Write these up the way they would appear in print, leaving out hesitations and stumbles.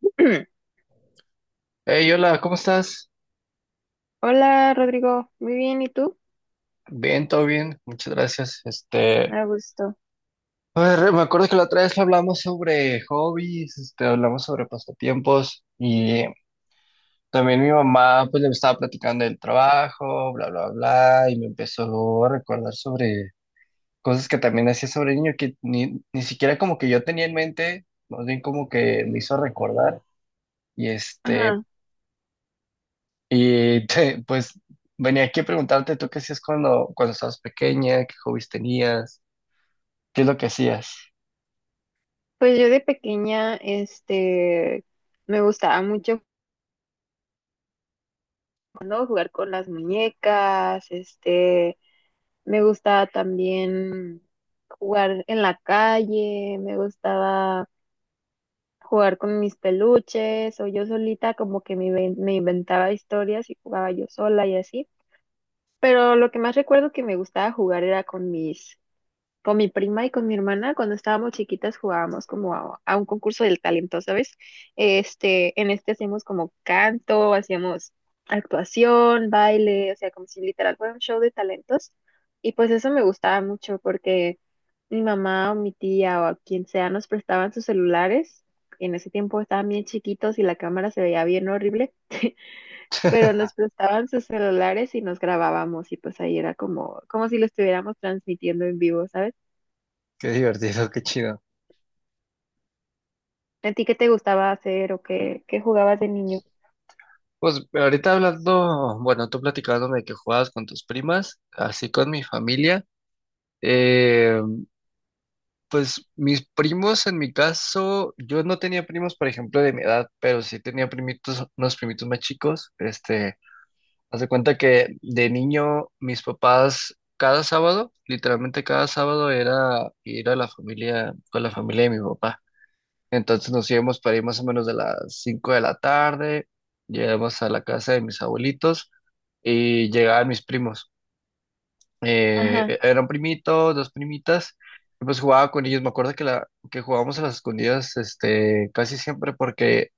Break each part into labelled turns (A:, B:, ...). A: Hey, hola, ¿cómo estás?
B: Hola Rodrigo, muy bien, ¿y tú?
A: Bien, todo bien, muchas gracias. Este,
B: A gusto.
A: a ver, me acuerdo que la otra vez hablamos sobre hobbies, este, hablamos sobre pasatiempos y también mi mamá pues le estaba platicando del trabajo, bla, bla, bla, y me empezó a recordar sobre cosas que también hacía sobre niño que ni siquiera como que yo tenía en mente, más bien como que me hizo recordar y este,
B: Ajá.
A: y pues venía aquí a preguntarte tú qué hacías cuando estabas pequeña, qué hobbies tenías. ¿Qué es lo que hacías?
B: Pues yo de pequeña, me gustaba mucho, ¿no?, jugar con las muñecas. Me gustaba también jugar en la calle, me gustaba jugar con mis peluches o yo solita, como que me inventaba historias y jugaba yo sola y así. Pero lo que más recuerdo que me gustaba jugar era con mi prima y con mi hermana. Cuando estábamos chiquitas, jugábamos como a un concurso del talento, ¿sabes? En este hacíamos como canto, hacíamos actuación, baile, o sea, como si literal fuera un show de talentos. Y pues eso me gustaba mucho porque mi mamá o mi tía o a quien sea nos prestaban sus celulares. En ese tiempo estaban bien chiquitos y la cámara se veía bien horrible, pero nos prestaban sus celulares y nos grabábamos y pues ahí era como, como si lo estuviéramos transmitiendo en vivo, ¿sabes?
A: Qué divertido, qué chido.
B: ¿A ti qué te gustaba hacer o qué jugabas de niño?
A: Pues ahorita hablando, bueno, tú platicándome de que jugabas con tus primas, así con mi familia. eh, pues mis primos, en mi caso, yo no tenía primos, por ejemplo, de mi edad, pero sí tenía primitos, unos primitos más chicos. Este, haz de cuenta que de niño, mis papás, cada sábado, literalmente cada sábado era ir a la familia, con la familia de mi papá. Entonces nos íbamos para ir más o menos de las 5 de la tarde, llegamos a la casa de mis abuelitos y llegaban mis primos.
B: Ajá.
A: Era un primito, dos primitas, y pues jugaba con ellos. Me acuerdo que jugábamos a las escondidas, este, casi siempre porque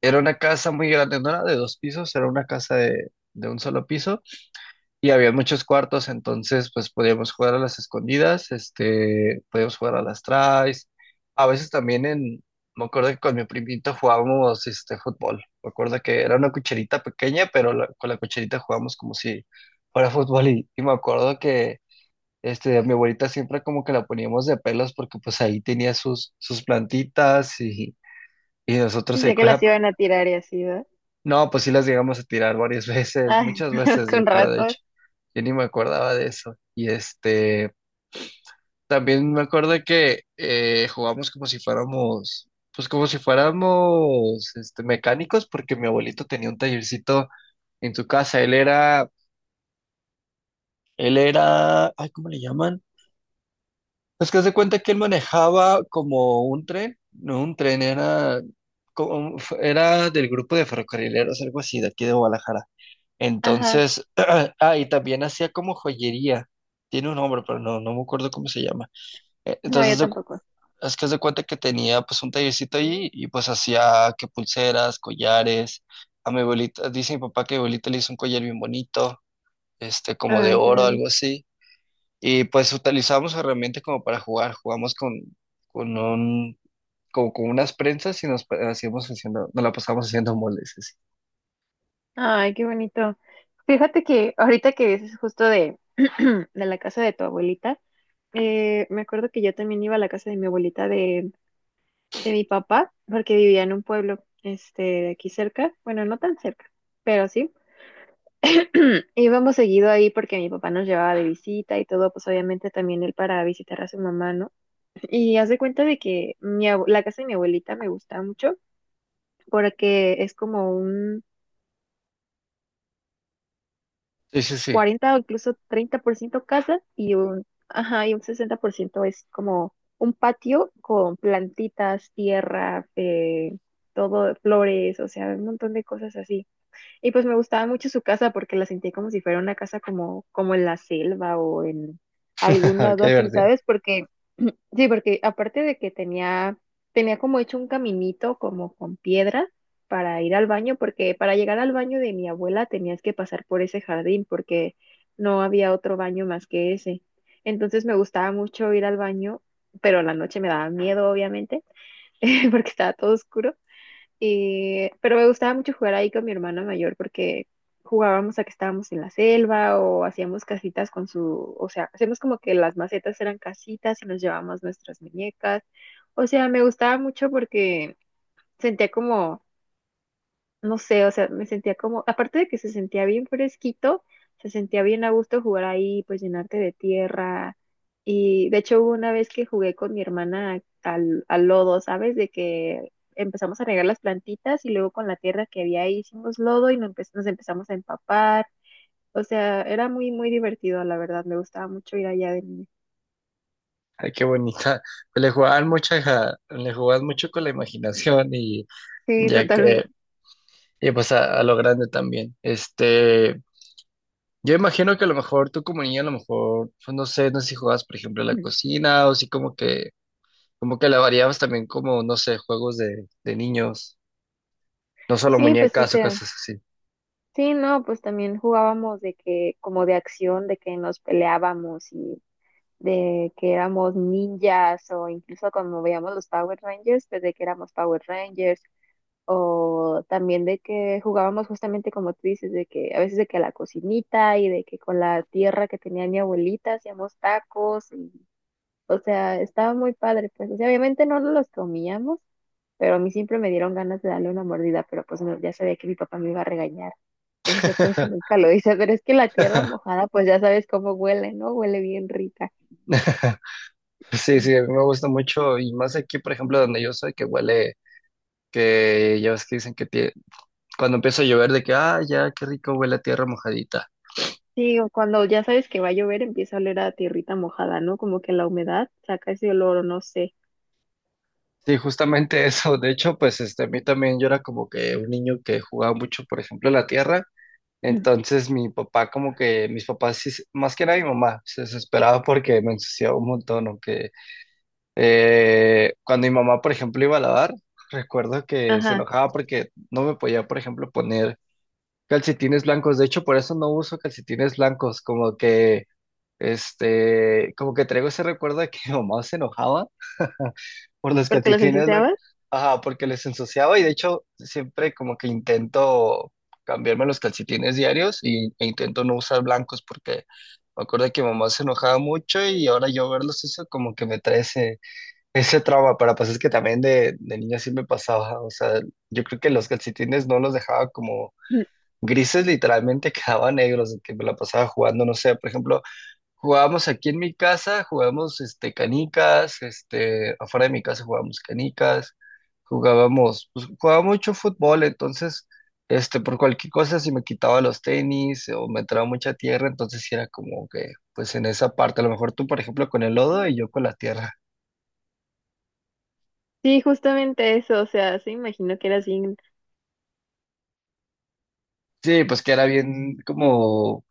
A: era una casa muy grande, no era de dos pisos, era una casa de un solo piso y había muchos cuartos, entonces pues podíamos jugar a las escondidas, este, podíamos jugar a las tries. A veces también en, me acuerdo que con mi primito jugábamos este fútbol. Me acuerdo que era una cucharita pequeña, pero con la cucharita jugábamos como si fuera fútbol y me acuerdo que este, a mi abuelita siempre como que la poníamos de pelos porque pues ahí tenía sus plantitas y nosotros
B: Pensé
A: ahí
B: que
A: con
B: las
A: la
B: iban a tirar y así, ¿verdad?
A: no, pues sí las llegamos a tirar varias veces,
B: Ay,
A: muchas
B: pues
A: veces yo
B: con
A: creo, de
B: razón.
A: hecho. Yo ni me acordaba de eso. Y este, también me acuerdo que jugamos como si fuéramos, pues como si fuéramos este, mecánicos, porque mi abuelito tenía un tallercito en su casa. Él era, ay, ¿cómo le llaman? Pues que haz de cuenta que él manejaba como un tren, no un tren, era, como, era del grupo de ferrocarrileros, algo así, de aquí de Guadalajara.
B: Ajá.
A: Entonces, ah, y también hacía como joyería. Tiene un nombre, pero no, no me acuerdo cómo se llama.
B: No, yo
A: Entonces,
B: tampoco.
A: es que se cuenta que tenía pues un tallercito ahí y pues hacía que pulseras, collares. A mi abuelita, dice mi papá que mi abuelita le hizo un collar bien bonito, este, como de
B: Ay, qué
A: oro,
B: bonito.
A: algo así. Y pues utilizábamos herramientas como para jugar. Jugamos con un, como con unas prensas y hacíamos haciendo, nos la pasábamos haciendo moldes, así.
B: Ay, qué bonito. Fíjate que ahorita que dices justo de, de la casa de tu abuelita, me acuerdo que yo también iba a la casa de mi abuelita de mi papá, porque vivía en un pueblo, de aquí cerca, bueno, no tan cerca, pero sí. Íbamos seguido ahí porque mi papá nos llevaba de visita y todo, pues obviamente también él para visitar a su mamá, ¿no? Y haz de cuenta de que la casa de mi abuelita me gusta mucho porque es como un
A: Sí, sí, sí.
B: 40% o incluso 30% casa y un, ajá, y un 60% es como un patio con plantitas, tierra, todo, flores, o sea, un montón de cosas así. Y pues me gustaba mucho su casa porque la sentí como si fuera una casa como en la selva o en algún lado
A: Qué
B: así,
A: divertido.
B: ¿sabes? Porque, sí, porque aparte de que tenía como hecho un caminito como con piedra para ir al baño, porque para llegar al baño de mi abuela tenías que pasar por ese jardín porque no había otro baño más que ese. Entonces me gustaba mucho ir al baño, pero en la noche me daba miedo, obviamente, porque estaba todo oscuro. Pero me gustaba mucho jugar ahí con mi hermana mayor porque jugábamos a que estábamos en la selva o hacíamos casitas con su, o sea, hacemos como que las macetas eran casitas y nos llevábamos nuestras muñecas. O sea, me gustaba mucho porque sentía como, no sé, o sea, me sentía como, aparte de que se sentía bien fresquito, se sentía bien a gusto jugar ahí, pues llenarte de tierra. Y de hecho hubo una vez que jugué con mi hermana al lodo, ¿sabes? De que empezamos a regar las plantitas y luego con la tierra que había ahí hicimos lodo y nos empezamos a empapar. O sea, era muy, muy divertido, la verdad. Me gustaba mucho ir allá de niña.
A: Ay, qué bonita. Pues le jugaban mucho, le jugaban mucho con la imaginación y
B: Sí,
A: ya que,
B: totalmente.
A: y pues a lo grande también. Este, yo imagino que a lo mejor tú como niña, a lo mejor, pues no sé, no sé si jugabas, por ejemplo, a la cocina o si como que la variabas también como, no sé, juegos de niños, no solo
B: Sí, pues, o
A: muñecas o
B: sea,
A: cosas así.
B: sí, no, pues también jugábamos de que como de acción, de que nos peleábamos y de que éramos ninjas, o incluso cuando veíamos los Power Rangers, pues de que éramos Power Rangers, o también de que jugábamos justamente como tú dices, de que a veces de que a la cocinita, y de que con la tierra que tenía mi abuelita hacíamos tacos y, o sea, estaba muy padre, pues, o sea, obviamente no los comíamos, pero a mí siempre me dieron ganas de darle una mordida, pero pues ya sabía que mi papá me iba a regañar. Entonces yo por eso nunca lo hice, pero es que la tierra mojada, pues ya sabes cómo huele, ¿no? Huele bien rica.
A: Sí, sí, a mí me gusta mucho y más aquí, por ejemplo, donde yo soy, que huele, que ya ves que dicen que cuando empieza a llover de que, ah, ya, qué rico huele la tierra mojadita.
B: Sí, o cuando ya sabes que va a llover, empieza a oler a tierrita mojada, ¿no? Como que la humedad saca ese olor, o no sé.
A: Sí, justamente eso. De hecho, pues este, a mí también yo era como que un niño que jugaba mucho, por ejemplo, en la tierra.
B: Mm.
A: Entonces mi papá como que, mis papás, más que nada mi mamá, se desesperaba porque me ensuciaba un montón. O que cuando mi mamá, por ejemplo, iba a lavar, recuerdo que se
B: Ajá,
A: enojaba porque no me podía, por ejemplo, poner calcetines blancos. De hecho, por eso no uso calcetines blancos, como que. Este, como que traigo ese recuerdo de que mi mamá se enojaba por los
B: porque los
A: calcetines,
B: ensuciabas.
A: ajá, porque les ensuciaba y de hecho siempre como que intento cambiarme los calcetines diarios e intento no usar blancos porque me acuerdo que mi mamá se enojaba mucho y ahora yo verlos eso como que me trae ese trauma, pero pues es que también de niña sí me pasaba, o sea, yo creo que los calcetines no los dejaba como
B: Mm.
A: grises, literalmente quedaban negros, de que me la pasaba jugando, no sé, por ejemplo. Jugábamos aquí en mi casa, jugábamos este, canicas, este, afuera de mi casa jugábamos canicas, jugábamos, pues jugaba mucho fútbol, entonces, este, por cualquier cosa, si me quitaba los tenis o me entraba mucha tierra, entonces sí era como que, pues en esa parte, a lo mejor tú, por ejemplo, con el lodo y yo con la tierra.
B: Sí, justamente eso, o sea, se imagino que era así.
A: Sí, pues que era bien como,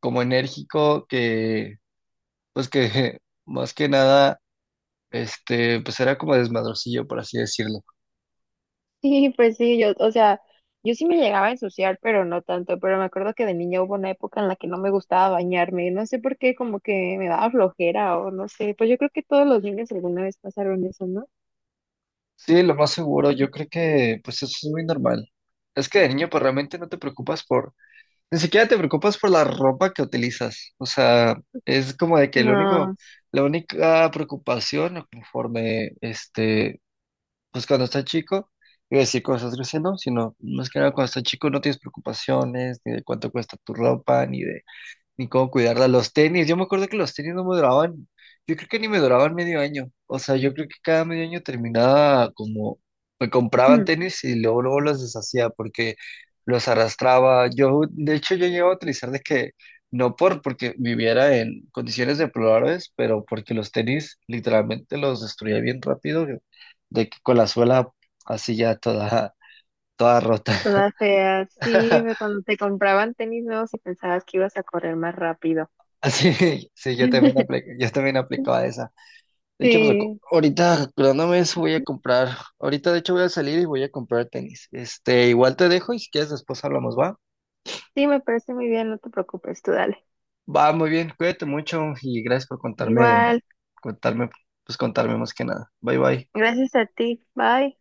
A: como enérgico, que, pues que más que nada, este, pues era como desmadrocillo, por así decirlo.
B: Sí, pues sí, yo, o sea, yo sí me llegaba a ensuciar, pero no tanto, pero me acuerdo que de niña hubo una época en la que no me gustaba bañarme, no sé por qué, como que me daba flojera o no sé, pues yo creo que todos los niños alguna vez pasaron eso, ¿no?
A: Sí, lo más seguro, yo creo que pues eso es muy normal. Es que de niño pues realmente no te preocupas por, ni siquiera te preocupas por la ropa que utilizas. O sea, es como de que lo
B: No.
A: único, la única preocupación conforme este, pues cuando estás chico, iba a decir cuando estás creciendo, sino más que nada cuando estás chico no tienes preocupaciones ni de cuánto cuesta tu ropa, ni de ni cómo cuidarla. Los tenis, yo me acuerdo que los tenis no me duraban, yo creo que ni me duraban medio año. O sea, yo creo que cada medio año terminaba como, me compraban tenis y luego, luego los deshacía porque los arrastraba. Yo, de hecho, yo llegaba a utilizar de que, no porque viviera en condiciones deplorables, pero porque los tenis literalmente los destruía bien rápido, de que con la suela así ya toda, toda rota.
B: Toda fea. Sí, ve, cuando te compraban tenis nuevos y pensabas que ibas a correr más rápido.
A: Así, sí, yo también aplicaba esa. De hecho, pues
B: Sí,
A: ahorita acordándome de eso voy a comprar. Ahorita, de hecho, voy a salir y voy a comprar tenis. Este, igual te dejo y si quieres después hablamos, ¿va?
B: sí, me parece muy bien, no te preocupes, tú dale.
A: Va, muy bien, cuídate mucho y gracias por contarme,
B: Igual,
A: contarme, pues contarme más que nada. Bye, bye.
B: gracias a ti. Bye.